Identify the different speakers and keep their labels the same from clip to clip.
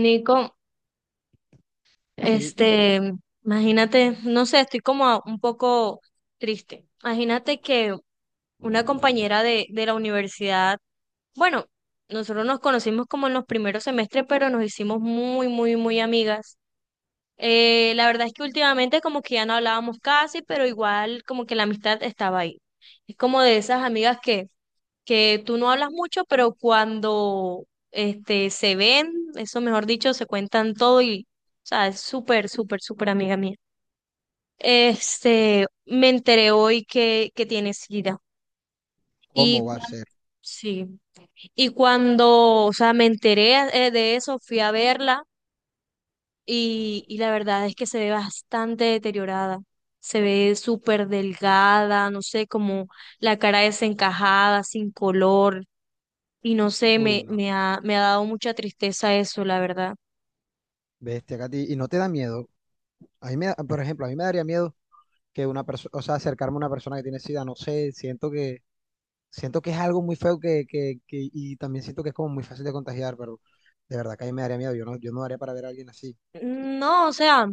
Speaker 1: Nico, este, imagínate, no sé, estoy como un poco triste. Imagínate que una compañera de la universidad, bueno, nosotros nos conocimos como en los primeros semestres, pero nos hicimos muy, muy, muy amigas. La verdad es que últimamente como que ya no hablábamos casi, pero igual como que la amistad estaba ahí. Es como de esas amigas que tú no hablas mucho, pero cuando se ven, eso mejor dicho, se cuentan todo y, o sea, es súper, súper, súper amiga mía. Me enteré hoy que tiene SIDA. Y
Speaker 2: ¿Cómo va
Speaker 1: cu-
Speaker 2: a ser?
Speaker 1: sí, y cuando, o sea, me enteré de eso, fui a verla y la verdad es que se ve bastante deteriorada. Se ve súper delgada, no sé, como la cara desencajada, sin color. Y no sé,
Speaker 2: Uy, no.
Speaker 1: me ha dado mucha tristeza eso, la verdad.
Speaker 2: Bestia, Katy. ¿Y no te da miedo? A mí me da- Por ejemplo, a mí me daría miedo que una persona, o sea, acercarme a una persona que tiene SIDA, no sé, siento que es algo muy feo que y también siento que es como muy fácil de contagiar, pero de verdad que a mí me daría miedo. Yo no daría para ver a alguien así.
Speaker 1: Mm, no, o sea,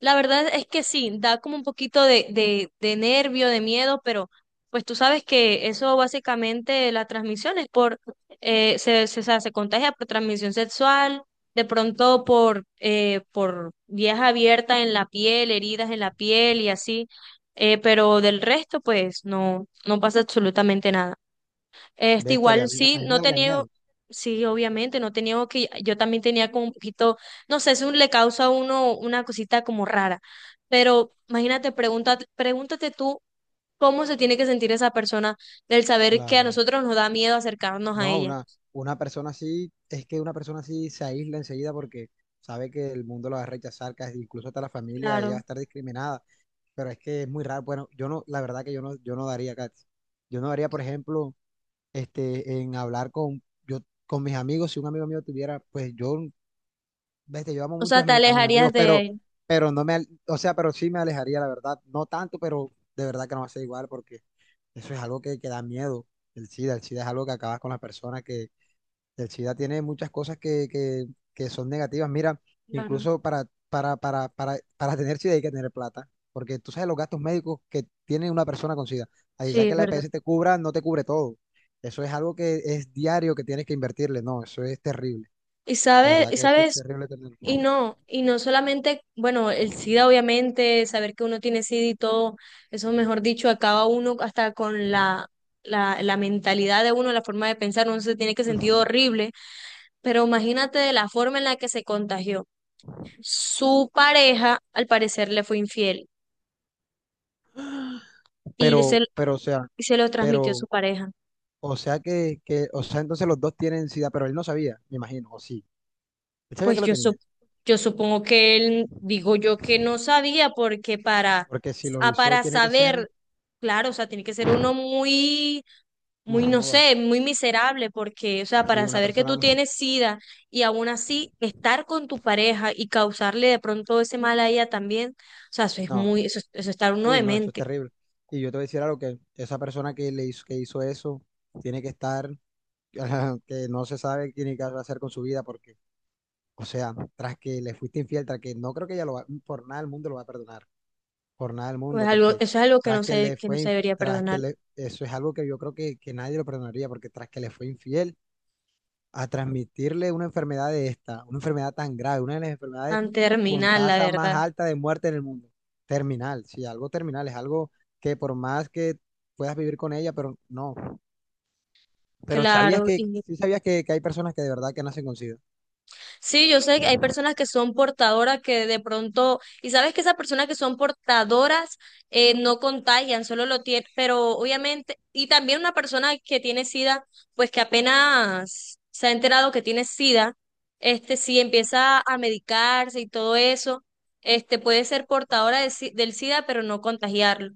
Speaker 1: la verdad es que sí, da como un poquito de nervio, de miedo, pero pues tú sabes que eso básicamente la transmisión es por, o sea, se contagia por transmisión sexual, de pronto por vías abiertas en la piel, heridas en la piel y así, pero del resto pues no, no pasa absolutamente nada. Igual
Speaker 2: Bestia, a mí, a
Speaker 1: sí,
Speaker 2: mí me
Speaker 1: no
Speaker 2: daría
Speaker 1: tenía,
Speaker 2: miedo.
Speaker 1: sí, obviamente, no tenía que, yo también tenía como un poquito, no sé, eso le causa a uno una cosita como rara, pero imagínate, pregunta pregúntate tú cómo se tiene que sentir esa persona del saber que a
Speaker 2: Claro.
Speaker 1: nosotros nos da miedo acercarnos a
Speaker 2: No,
Speaker 1: ella.
Speaker 2: una, una persona así, es que una persona así se aísla enseguida porque sabe que el mundo la va a rechazar, casi incluso hasta la familia, ella va a
Speaker 1: Claro.
Speaker 2: estar discriminada. Pero es que es muy raro. Bueno, yo no, la verdad que yo no daría, Katy. Yo no daría, por ejemplo, este, en hablar con, yo, con mis amigos, si un amigo mío tuviera, pues yo, vete, yo amo
Speaker 1: O
Speaker 2: mucho
Speaker 1: sea,
Speaker 2: a,
Speaker 1: ¿te
Speaker 2: a mis
Speaker 1: alejarías
Speaker 2: amigos,
Speaker 1: de él?
Speaker 2: pero no me, al- o sea, pero sí me alejaría, la verdad, no tanto, pero de verdad que no va a ser igual, porque eso es algo que da miedo, el SIDA es algo que acabas con las personas que, el SIDA tiene muchas cosas que son negativas. Mira,
Speaker 1: Claro.
Speaker 2: incluso para tener SIDA hay que tener plata, porque tú sabes los gastos médicos que tiene una persona con SIDA. Así
Speaker 1: Sí,
Speaker 2: sea que
Speaker 1: es
Speaker 2: la
Speaker 1: verdad.
Speaker 2: EPS te cubra, no te cubre todo. Eso es algo que es diario que tienes que invertirle. No, eso es terrible. La verdad
Speaker 1: Y
Speaker 2: que eso es
Speaker 1: sabes.
Speaker 2: terrible tenerlo.
Speaker 1: Y no solamente, bueno, el SIDA, obviamente, saber que uno tiene SIDA y todo, eso mejor dicho, acaba uno hasta con la mentalidad de uno, la forma de pensar, uno se tiene que sentir
Speaker 2: Mm.
Speaker 1: horrible, pero imagínate de la forma en la que se contagió. Su pareja, al parecer, le fue infiel y se,
Speaker 2: Pero, o sea,
Speaker 1: y se lo transmitió a su
Speaker 2: pero,
Speaker 1: pareja.
Speaker 2: o sea o sea, entonces los dos tienen SIDA, pero él no sabía, me imagino, o sí. Él sabía que
Speaker 1: Pues
Speaker 2: lo
Speaker 1: yo,
Speaker 2: tenía,
Speaker 1: sup- yo supongo que él, digo yo que no sabía, porque para,
Speaker 2: porque si lo
Speaker 1: a
Speaker 2: hizo,
Speaker 1: para
Speaker 2: tiene que ser,
Speaker 1: saber, claro, o sea, tiene que ser uno muy
Speaker 2: no
Speaker 1: muy, no
Speaker 2: joda,
Speaker 1: sé, muy miserable, porque, o sea,
Speaker 2: que
Speaker 1: para
Speaker 2: una
Speaker 1: saber que
Speaker 2: persona.
Speaker 1: tú tienes SIDA y aún así estar con tu pareja y causarle de pronto ese mal a ella también, o sea, eso es
Speaker 2: No,
Speaker 1: muy, eso es estar uno
Speaker 2: uy, no, eso es
Speaker 1: demente.
Speaker 2: terrible. Y yo te voy a decir algo que esa persona que le hizo, que hizo eso tiene que estar, que no se sabe qué tiene que hacer con su vida, porque, o sea, tras que le fuiste infiel, tras que no creo que ella lo va, por nada del mundo lo va a perdonar, por nada del mundo,
Speaker 1: Eso
Speaker 2: porque
Speaker 1: es algo
Speaker 2: tras que le
Speaker 1: que no
Speaker 2: fue,
Speaker 1: se
Speaker 2: inf-
Speaker 1: debería
Speaker 2: tras que
Speaker 1: perdonar.
Speaker 2: le, eso es algo que yo creo que nadie lo perdonaría, porque tras que le fue infiel, a transmitirle una enfermedad de esta, una enfermedad tan grave, una de las enfermedades
Speaker 1: Tan
Speaker 2: con
Speaker 1: terminal, la
Speaker 2: tasa más
Speaker 1: verdad.
Speaker 2: alta de muerte en el mundo. Terminal, sí, algo terminal, es algo que por más que puedas vivir con ella, pero no. Pero sabías
Speaker 1: Claro,
Speaker 2: que,
Speaker 1: y
Speaker 2: sí sabías que hay personas que de verdad que nacen con SIDA.
Speaker 1: Sí, yo sé que hay personas que son portadoras que de pronto, y sabes que esas personas que son portadoras no contagian, solo lo tienen, pero obviamente, y también una persona que tiene SIDA, pues que apenas se ha enterado que tiene SIDA, este sí empieza a medicarse y todo eso, este puede ser portadora de si- del SIDA, pero no contagiarlo.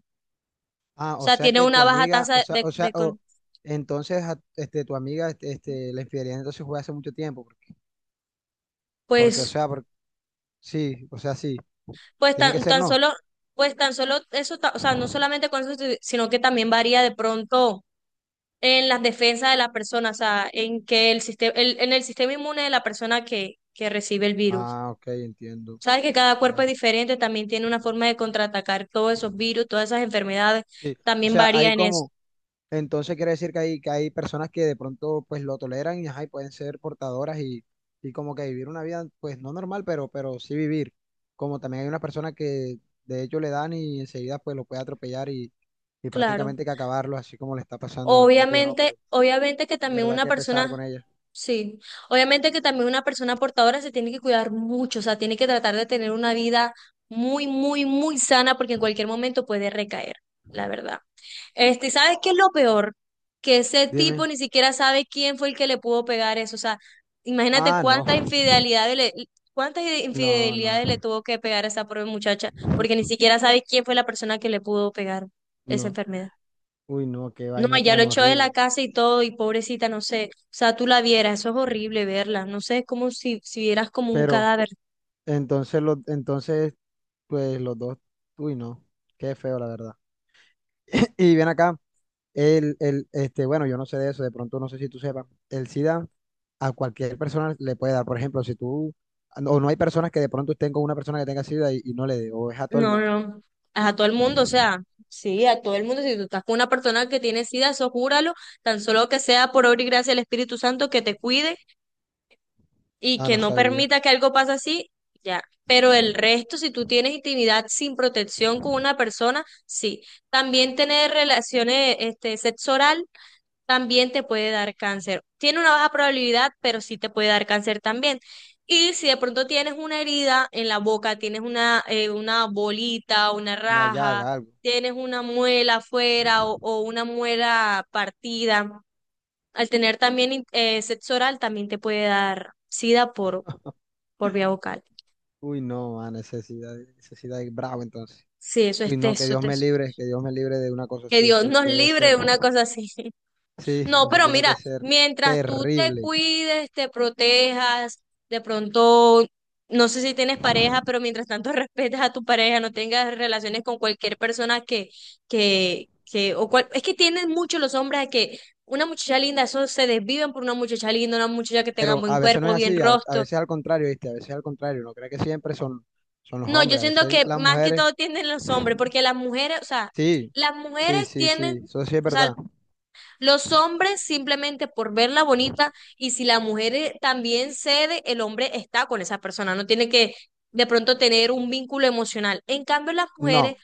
Speaker 2: Ah,
Speaker 1: O
Speaker 2: o
Speaker 1: sea,
Speaker 2: sea
Speaker 1: tiene
Speaker 2: que tu
Speaker 1: una baja
Speaker 2: amiga,
Speaker 1: tasa de, de
Speaker 2: o
Speaker 1: con-
Speaker 2: entonces este, tu amiga, la infidelidad entonces fue hace mucho tiempo, porque, porque, o
Speaker 1: Pues
Speaker 2: sea, sí, o sea, sí, tiene que ser
Speaker 1: Tan
Speaker 2: no.
Speaker 1: solo, pues tan solo eso, o sea, no solamente con eso, sino que también varía de pronto en las defensas de la persona, o sea, en que el sistema, en el sistema inmune de la persona que recibe el virus.
Speaker 2: Ah, ok, entiendo,
Speaker 1: Sabes que cada cuerpo
Speaker 2: ya.
Speaker 1: es diferente, también tiene una forma de contraatacar todos esos virus, todas esas enfermedades,
Speaker 2: Sí, o
Speaker 1: también
Speaker 2: sea,
Speaker 1: varía
Speaker 2: hay
Speaker 1: en eso.
Speaker 2: como. Entonces quiere decir que hay personas que de pronto pues lo toleran y, ajá, y pueden ser portadoras y como que vivir una vida pues no normal, pero sí vivir. Como también hay una persona que de hecho le dan y enseguida pues lo puede atropellar y
Speaker 1: Claro.
Speaker 2: prácticamente que acabarlo, así como le está pasando a la amiga tuya, no,
Speaker 1: Obviamente,
Speaker 2: pero
Speaker 1: obviamente que
Speaker 2: de
Speaker 1: también
Speaker 2: verdad
Speaker 1: una
Speaker 2: que pesar
Speaker 1: persona
Speaker 2: con ella.
Speaker 1: sí, obviamente que también una persona portadora se tiene que cuidar mucho, o sea, tiene que tratar de tener una vida muy, muy, muy sana porque en cualquier momento puede recaer, la verdad. ¿Sabes qué es lo peor? Que ese
Speaker 2: Dime.
Speaker 1: tipo ni siquiera sabe quién fue el que le pudo pegar eso, o sea, imagínate
Speaker 2: Ah, no,
Speaker 1: cuántas
Speaker 2: no, no,
Speaker 1: infidelidades le tuvo que pegar a esa pobre muchacha porque ni siquiera sabe quién fue la persona que le pudo pegar esa
Speaker 2: no.
Speaker 1: enfermedad.
Speaker 2: Uy, no, qué
Speaker 1: No,
Speaker 2: vaina
Speaker 1: ya lo
Speaker 2: tan
Speaker 1: echó de la
Speaker 2: horrible.
Speaker 1: casa y todo, y pobrecita, no sé. O sea, tú la vieras, eso es horrible verla. No sé, es como si vieras como un
Speaker 2: Pero
Speaker 1: cadáver.
Speaker 2: entonces, los entonces pues los dos, uy, no, qué feo la verdad. Y bien acá. Este, bueno, yo no sé de eso, de pronto no sé si tú sepas. El SIDA a cualquier persona le puede dar. Por ejemplo, si tú, o no hay personas que de pronto estén con una persona que tenga SIDA y no le dé, o es a todo el
Speaker 1: No,
Speaker 2: mundo.
Speaker 1: no. A todo el mundo, o sea, sí, a todo el mundo. Si tú estás con una persona que tiene sida, eso júralo, tan solo que sea por obra y gracia del Espíritu Santo que te cuide y
Speaker 2: Ah,
Speaker 1: que
Speaker 2: no
Speaker 1: no
Speaker 2: sabía.
Speaker 1: permita que algo pase así, ya. Pero el resto, si tú tienes intimidad sin protección con una persona, sí. También tener relaciones, sexo oral también te puede dar cáncer. Tiene una baja probabilidad, pero sí te puede dar cáncer también. Y si de pronto tienes una herida en la boca, tienes una bolita, una
Speaker 2: Una
Speaker 1: raja,
Speaker 2: llaga, algo.
Speaker 1: tienes una muela afuera o una muela partida, al tener también sexo oral también te puede dar sida por vía vocal.
Speaker 2: Uy, no, a necesidad, necesidad es bravo entonces.
Speaker 1: Sí, eso es
Speaker 2: Uy, no, que
Speaker 1: teso,
Speaker 2: Dios me
Speaker 1: teso.
Speaker 2: libre, que Dios me libre de una cosa
Speaker 1: Que
Speaker 2: así.
Speaker 1: Dios
Speaker 2: Eso
Speaker 1: nos
Speaker 2: debe
Speaker 1: libre
Speaker 2: ser,
Speaker 1: de una cosa así.
Speaker 2: sí,
Speaker 1: No,
Speaker 2: eso
Speaker 1: pero
Speaker 2: tiene que
Speaker 1: mira,
Speaker 2: ser
Speaker 1: mientras tú te
Speaker 2: terrible.
Speaker 1: cuides, te protejas, de pronto, no sé si tienes pareja, pero mientras tanto respetes a tu pareja, no tengas relaciones con cualquier persona o cual, es que tienen mucho los hombres a que una muchacha linda, eso se desviven por una muchacha linda, una muchacha que tenga
Speaker 2: Pero
Speaker 1: buen
Speaker 2: a veces no
Speaker 1: cuerpo,
Speaker 2: es
Speaker 1: bien
Speaker 2: así, a
Speaker 1: rostro.
Speaker 2: veces al contrario, ¿viste? A veces al contrario, no cree que siempre son, son los
Speaker 1: No, yo
Speaker 2: hombres, a
Speaker 1: siento
Speaker 2: veces
Speaker 1: que
Speaker 2: las
Speaker 1: más que
Speaker 2: mujeres.
Speaker 1: todo tienden los hombres, porque las mujeres, o sea,
Speaker 2: Sí,
Speaker 1: las
Speaker 2: sí,
Speaker 1: mujeres
Speaker 2: sí,
Speaker 1: tienen,
Speaker 2: sí, eso sí es
Speaker 1: o sea,
Speaker 2: verdad.
Speaker 1: los hombres simplemente por verla bonita y si la mujer también cede, el hombre está con esa persona, no tiene que de pronto tener un vínculo emocional. En cambio, las mujeres,
Speaker 2: No,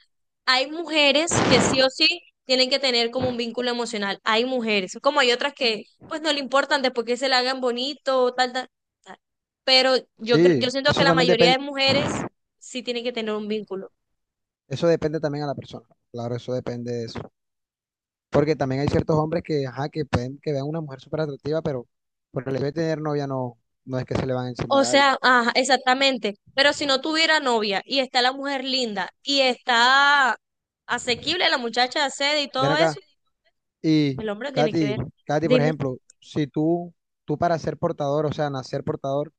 Speaker 1: hay mujeres que sí o sí tienen que tener como un vínculo emocional. Hay mujeres, como hay otras que pues no le importan después que se la hagan bonito, tal, tal, tal. Pero yo
Speaker 2: sí,
Speaker 1: siento que
Speaker 2: eso
Speaker 1: la
Speaker 2: también
Speaker 1: mayoría de
Speaker 2: depende,
Speaker 1: mujeres sí tienen que tener un vínculo.
Speaker 2: eso depende también a la persona. Claro, eso depende de eso. Porque también hay ciertos hombres que, ajá, que pueden que vean una mujer súper atractiva, pero por el hecho de tener novia no, no es que se le van a encimar
Speaker 1: O
Speaker 2: a
Speaker 1: sea,
Speaker 2: alguien.
Speaker 1: ajá, exactamente. Pero si no tuviera novia y está la mujer linda y está asequible, la muchacha accede y
Speaker 2: Ven
Speaker 1: todo
Speaker 2: acá,
Speaker 1: eso,
Speaker 2: y
Speaker 1: el hombre tiene que
Speaker 2: Katy,
Speaker 1: ver.
Speaker 2: Katy, por
Speaker 1: Dime.
Speaker 2: ejemplo, si tú, tú para ser portador, o sea, nacer portador,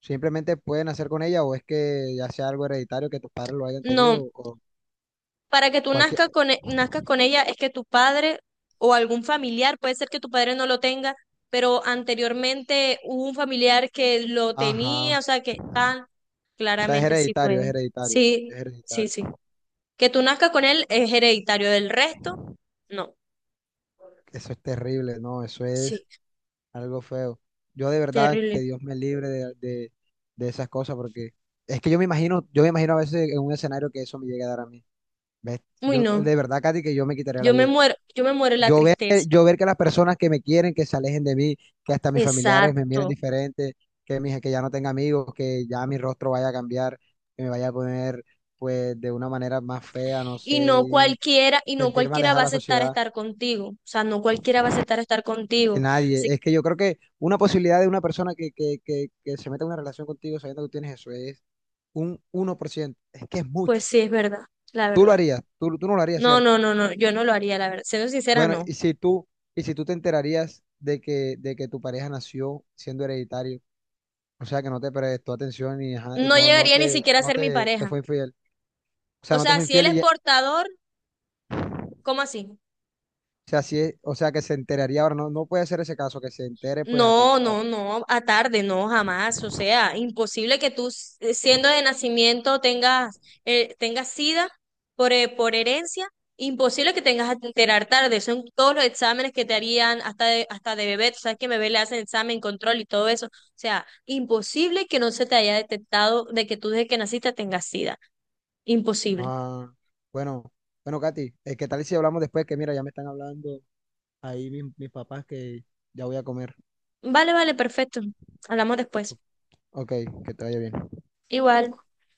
Speaker 2: simplemente puedes nacer con ella, o es que ya sea algo hereditario que tus padres lo hayan
Speaker 1: No,
Speaker 2: tenido, o
Speaker 1: para que tú
Speaker 2: cualquier,
Speaker 1: nazcas con, nazcas con ella es que tu padre o algún familiar, puede ser que tu padre no lo tenga, pero anteriormente hubo un familiar que lo tenía,
Speaker 2: ajá.
Speaker 1: o sea, que tan
Speaker 2: O sea, es
Speaker 1: claramente sí
Speaker 2: hereditario, es
Speaker 1: puede.
Speaker 2: hereditario, es
Speaker 1: Sí, sí,
Speaker 2: hereditario.
Speaker 1: sí. Que tú nazcas con él es hereditario, del resto, no.
Speaker 2: Eso es terrible, no, eso
Speaker 1: Sí,
Speaker 2: es algo feo. Yo de verdad que
Speaker 1: terrible.
Speaker 2: Dios me libre de esas cosas, porque es que yo me imagino a veces en un escenario que eso me llegue a dar a mí. ¿Ves?
Speaker 1: Uy,
Speaker 2: Yo,
Speaker 1: no,
Speaker 2: de verdad, Katy, que yo me quitaría la vida.
Speaker 1: yo me muero de la tristeza.
Speaker 2: Yo ver que las personas que me quieren, que se alejen de mí, que hasta mis familiares me miren
Speaker 1: Exacto.
Speaker 2: diferente, que, mis, que ya no tenga amigos, que ya mi rostro vaya a cambiar, que me vaya a poner pues de una manera más fea, no sé, y
Speaker 1: Y no
Speaker 2: sentirme
Speaker 1: cualquiera
Speaker 2: alejado
Speaker 1: va a
Speaker 2: de la
Speaker 1: aceptar
Speaker 2: sociedad.
Speaker 1: estar contigo. O sea, no cualquiera va a aceptar estar
Speaker 2: Que
Speaker 1: contigo. Así
Speaker 2: nadie. Es que yo creo que una posibilidad de una persona que se meta en una relación contigo sabiendo que tienes eso es un 1%. Es que es
Speaker 1: pues
Speaker 2: mucho.
Speaker 1: sí, es verdad, la
Speaker 2: Tú lo
Speaker 1: verdad.
Speaker 2: harías, tú no lo harías,
Speaker 1: No,
Speaker 2: ¿cierto?
Speaker 1: no, no, no, yo no lo haría, la verdad. Siendo sincera,
Speaker 2: Bueno,
Speaker 1: no.
Speaker 2: y si tú te enterarías de que tu pareja nació siendo hereditario, o sea que no te prestó atención y ajá,
Speaker 1: No
Speaker 2: no, no
Speaker 1: llegaría ni
Speaker 2: te,
Speaker 1: siquiera a
Speaker 2: no
Speaker 1: ser mi
Speaker 2: te, te
Speaker 1: pareja.
Speaker 2: fue infiel. O sea,
Speaker 1: O
Speaker 2: no te
Speaker 1: sea,
Speaker 2: fue
Speaker 1: si él
Speaker 2: infiel
Speaker 1: es portador, ¿cómo así?
Speaker 2: o sea, o sea que se enteraría ahora, no, no puede ser ese caso, que se entere pues a.
Speaker 1: No, no, no, a tarde, no, jamás. O sea, imposible que siendo de nacimiento, tengas SIDA por, por herencia. Imposible que tengas que enterar tarde. Son todos los exámenes que te harían hasta de bebé. Tú sabes que bebé le hacen examen, control y todo eso. O sea, imposible que no se te haya detectado de que tú desde que naciste tengas SIDA. Imposible.
Speaker 2: Ah, bueno, bueno, Katy, ¿qué tal si hablamos después? Que mira, ya me están hablando ahí mis, mis papás que ya voy a comer.
Speaker 1: Vale, vale, perfecto. Hablamos después.
Speaker 2: Ok, que te vaya bien.
Speaker 1: Igual.